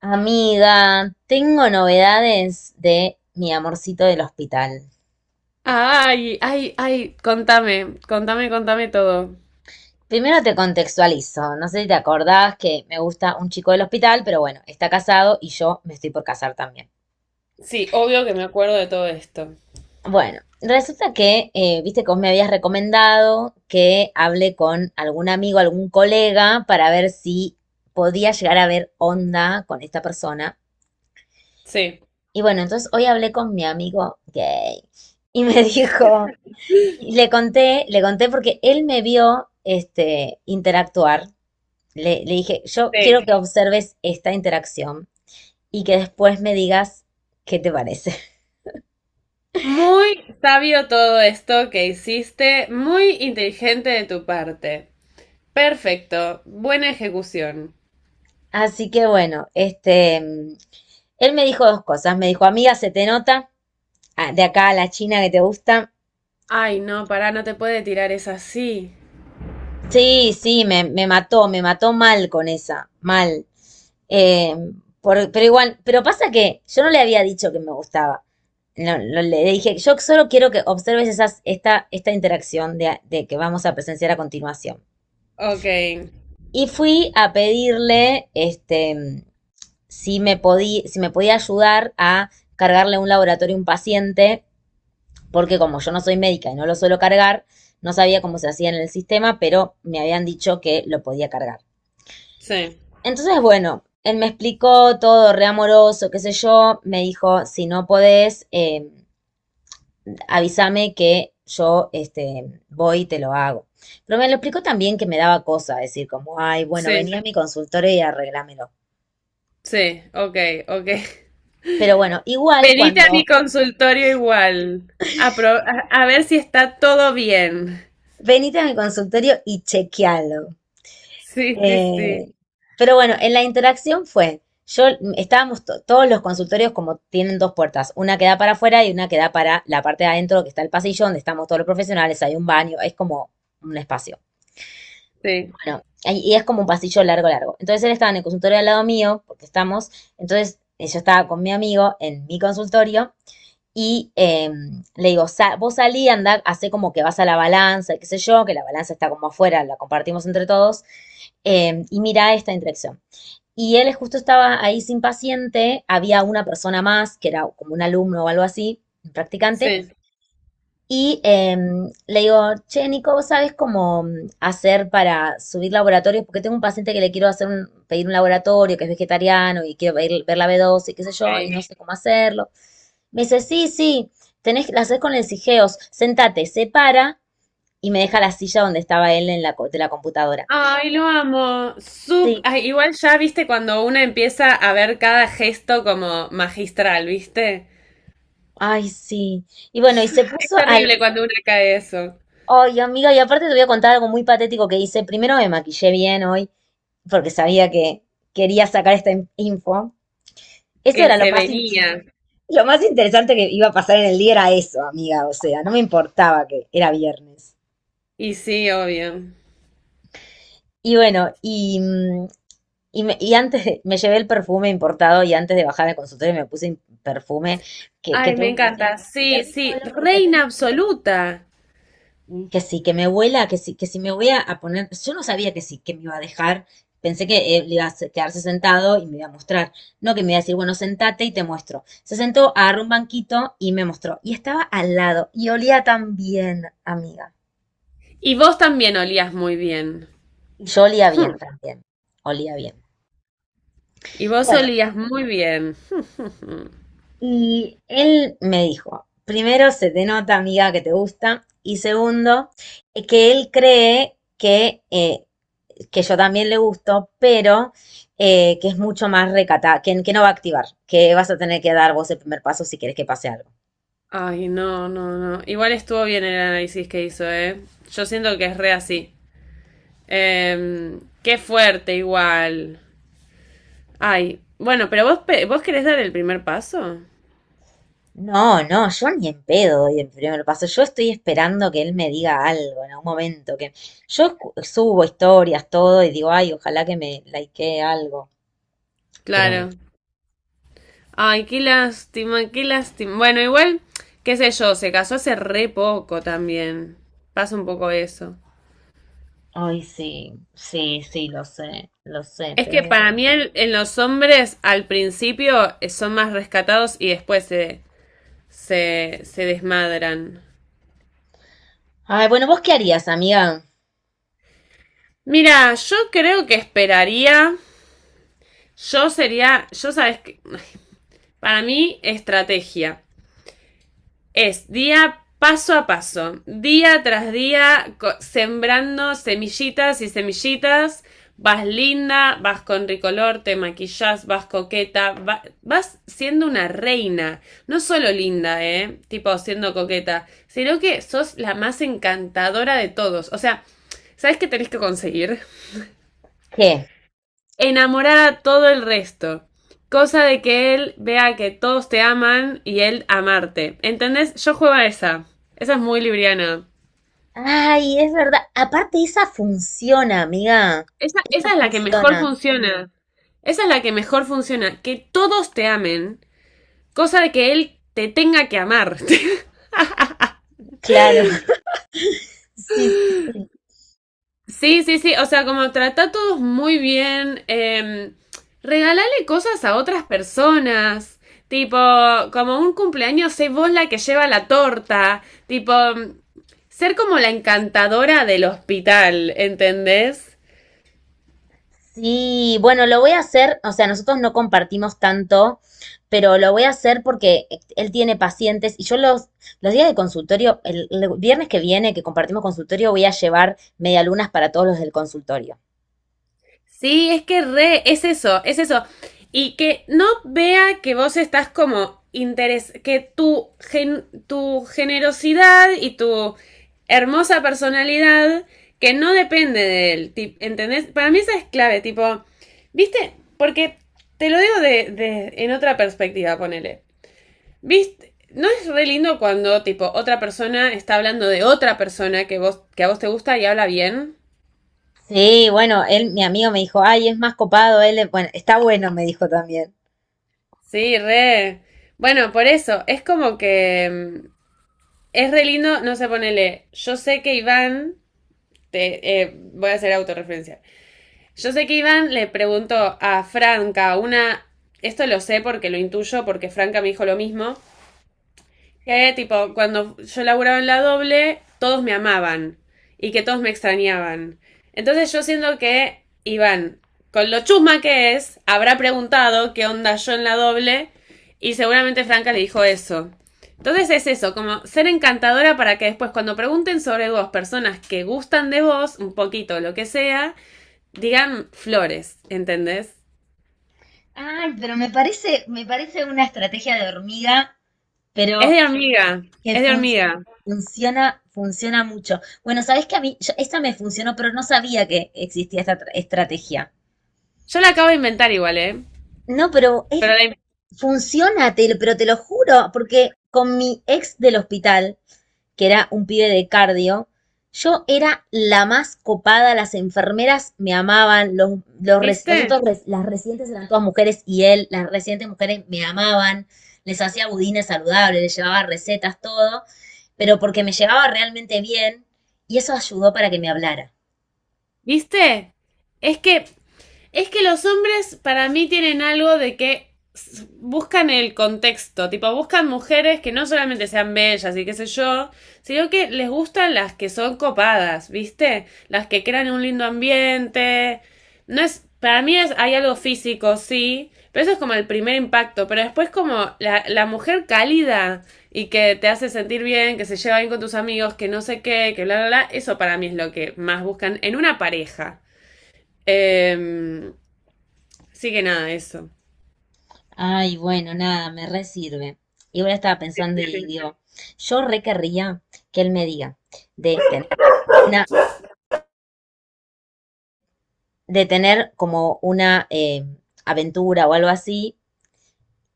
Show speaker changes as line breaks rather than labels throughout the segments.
Amiga, tengo novedades de mi amorcito del hospital.
Ay, ay, ay, contame, contame, contame todo.
Primero te contextualizo, no sé si te acordás que me gusta un chico del hospital, pero bueno, está casado y yo me estoy por casar también.
Sí, obvio que me acuerdo de todo esto.
Bueno, resulta que, viste que vos me habías recomendado que hable con algún amigo, algún colega, para ver si podía llegar a ver onda con esta persona.
Sí,
Y bueno, entonces hoy hablé con mi amigo gay y me dijo... Y le conté porque él me vio este, interactuar. Le dije, yo quiero que
sí.
observes esta interacción y que después me digas qué te parece.
Muy sabio todo esto que hiciste, muy inteligente de tu parte. Perfecto, buena ejecución.
Así que bueno, este, él me dijo dos cosas. Me dijo, amiga, se te nota de acá a la China que te gusta.
Ay, no, pará, no te puede tirar es así.
Sí, sí, me mató mal con esa, mal. Eh, pero igual, pero pasa que yo no le había dicho que me gustaba. No, no le dije, yo solo quiero que observes esta interacción de que vamos a presenciar a continuación.
Ok,
Y fui a pedirle, este, si me podía, si me podía ayudar a cargarle a un laboratorio a un paciente, porque como yo no soy médica y no lo suelo cargar, no sabía cómo se hacía en el sistema, pero me habían dicho que lo podía cargar.
sí,
Entonces, bueno, él me explicó todo, re amoroso, qué sé yo. Me dijo, si no podés, avísame que yo este, voy y te lo hago. Pero me lo explicó también que me daba cosa, decir como, ay, bueno, vení
sí,
a mi consultorio y arreglámelo.
sí, ok, ok.
Pero bueno, igual
Venite a mi
cuando
consultorio igual, a, pro- a ver si está todo bien.
venite a mi consultorio y chequealo.
Sí, sí, sí.
Eh, pero bueno, en la interacción fue, yo estábamos todos los consultorios como tienen dos puertas, una que da para afuera y una que da para la parte de adentro, que está el pasillo donde estamos todos los profesionales, hay un baño, es como un espacio.
Sí,
Bueno, ahí- y es como un pasillo largo, largo. Entonces él estaba en el consultorio al lado mío, porque estamos, entonces yo estaba con mi amigo en mi consultorio y le digo, "Sa- vos salí, anda, hace como que vas a la balanza, qué sé yo, que la balanza está como afuera, la compartimos entre todos, y mira esta interacción. Y él justo estaba ahí sin paciente, había una persona más, que era como un alumno o algo así, un practicante,
sí.
y le digo, che, Nico, ¿vos sabés cómo hacer para subir laboratorios? Porque tengo un paciente que le quiero hacer pedir un laboratorio, que es vegetariano y quiero ver la B12 y qué sé yo, y no
Ok.
sé cómo hacerlo. Me dice, sí, sí, tenés, la haces con el Sigeos, sentate, se para y me deja la silla donde estaba él en de la computadora.
Ay, lo amo.
Sí,
Ay, igual ya viste cuando una empieza a ver cada gesto como magistral, ¿viste?
ay, sí. Y bueno, y se
Es
puso al...
terrible cuando una cae eso,
Ay, amiga, y aparte te voy a contar algo muy patético que hice. Primero me maquillé bien hoy porque sabía que quería sacar esta info. Eso
que
era lo
se
más,
venía.
lo más interesante que iba a pasar en el día, era eso, amiga. O sea, no me importaba que era viernes.
Y sí, obvio.
Y bueno, me llevé el perfume importado y antes de bajar al consultorio me puse perfume que
Ay, me
todos me decían,
encanta.
qué
Sí,
rico
sí,
olor que
reina absoluta.
Mm. Que sí, que me vuela, que sí, que si me voy a poner, yo no sabía que sí, que me iba a dejar, pensé que él iba a quedarse sentado y me iba a mostrar, no que me iba a decir, bueno, sentate y te muestro. Se sentó, agarró un banquito y me mostró, y estaba al lado, y olía tan bien, amiga.
Y vos también olías muy bien.
Yo olía
Hmm.
bien también, olía bien.
Y vos
Bueno,
olías muy bien.
y él me dijo, primero se te nota amiga, que te gusta, y segundo, que él cree que yo también le gusto, pero que es mucho más recata, que no va a activar, que vas a tener que dar vos el primer paso si querés que pase algo.
Ay, no, no, no. Igual estuvo bien el análisis que hizo, ¿eh? Yo siento que es re así. Qué fuerte igual. Ay, bueno, pero vos querés dar el primer paso.
No, no, yo ni en pedo doy el primer paso. Yo estoy esperando que él me diga algo en algún momento. Que yo subo historias, todo, y digo, ay, ojalá que me likee algo. Pero
Claro.
bueno.
Ay, qué lástima, qué lástima. Bueno, igual, qué sé yo, se casó hace re poco también. Pasa un poco eso.
Ay, sí, sí, sí, lo sé,
Es
pero
que
bueno.
para mí en los hombres al principio son más rescatados y después se desmadran.
Ay, bueno, ¿vos qué harías, amiga?
Mira, yo creo que esperaría. Yo sabes que, para mí, estrategia. Es día paso a paso, día tras día, sembrando semillitas y semillitas. Vas linda, vas con ricolor, te maquillas, vas coqueta, vas siendo una reina. No solo linda, ¿eh? Tipo siendo coqueta, sino que sos la más encantadora de todos. O sea, ¿sabes qué tenés que conseguir?
¿Qué?
Enamorar a todo el resto. Cosa de que él vea que todos te aman y él amarte. ¿Entendés? Yo juego a esa. Esa es muy libriana.
Ay, es verdad. Aparte, esa funciona, amiga.
Esa,
Esa
esa es la que mejor
funciona.
funciona. Esa es la que mejor funciona. Que todos te amen. Cosa de que él te tenga que amar.
Claro. Sí, sí, sí.
Sí, sí, sí, o sea, como trata a todos muy bien, regalale cosas a otras personas, tipo, como un cumpleaños, sé vos la que lleva la torta, tipo, ser como la encantadora del hospital, ¿entendés?
Sí, bueno, lo voy a hacer. O sea, nosotros no compartimos tanto, pero lo voy a hacer porque él tiene pacientes y yo los días de consultorio, el viernes que viene que compartimos consultorio, voy a llevar medialunas para todos los del consultorio.
Sí, es que re, es eso, es eso. Y que no vea que vos estás como interes, que tu generosidad y tu hermosa personalidad, que no depende de él, ti- ¿entendés? Para mí esa es clave, tipo, ¿viste? Porque te lo digo en otra perspectiva, ponele. ¿Viste? ¿No es re lindo cuando, tipo, otra persona está hablando de otra persona que a vos te gusta y habla bien?
Sí, bueno, él, mi amigo me dijo, ay, es más copado, él, bueno, está bueno, me dijo también.
Sí, re. Bueno, por eso, es como que es re lindo, no sé, ponele, yo sé que Iván, voy a hacer autorreferencia, yo sé que Iván le preguntó a Franca una, esto lo sé porque lo intuyo, porque Franca me dijo lo mismo, y había tipo, cuando yo laburaba en la doble, todos me amaban y que todos me extrañaban. Entonces yo siento que Iván, con lo chusma que es, habrá preguntado qué onda yo en la doble y seguramente Franca le dijo eso. Entonces es eso, como ser encantadora para que después cuando pregunten sobre dos personas que gustan de vos, un poquito, lo que sea, digan flores, ¿entendés?
Ay, pero me parece una estrategia de hormiga,
Es
pero
de hormiga,
que
es de hormiga.
funciona, funciona mucho. Bueno, sabes que a mí, yo- esta me funcionó, pero no sabía que existía esta estrategia.
Yo la acabo de inventar igual, ¿eh?
No, pero es,
Pero la...
funciona, te lo- pero te lo juro, porque con mi ex del hospital, que era un pibe de cardio, yo era la más copada, las enfermeras me amaban, los
¿Viste?
otros las residentes eran todas mujeres y él, las residentes mujeres me amaban, les hacía budines saludables, les llevaba recetas, todo, pero porque me llevaba realmente bien y eso ayudó para que me hablara.
¿Viste? Es que, es que los hombres para mí tienen algo de que buscan el contexto, tipo, buscan mujeres que no solamente sean bellas y qué sé yo, sino que les gustan las que son copadas, ¿viste? Las que crean un lindo ambiente. No es, para mí es, hay algo físico, sí, pero eso es como el primer impacto, pero después como la mujer cálida y que te hace sentir bien, que se lleva bien con tus amigos, que no sé qué, que bla, bla, bla. Eso para mí es lo que más buscan en una pareja. Eh, sí que nada, eso.
Ay, bueno, nada, me re sirve. Y ahora estaba
Sí,
pensando y
sí.
digo, yo re querría que él me diga de tener una de tener como una aventura o algo así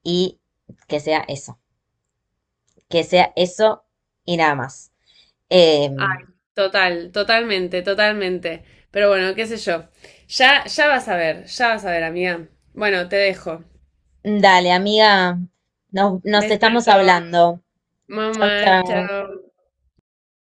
y que sea eso, que sea eso y nada más. Eh,
Ay, total, totalmente, totalmente. Pero bueno, qué sé yo. Ya vas a ver, ya vas a ver, amiga. Bueno, te dejo.
dale, amiga, nos, nos estamos
Besito.
hablando.
Mamá,
Chau, chau.
chao.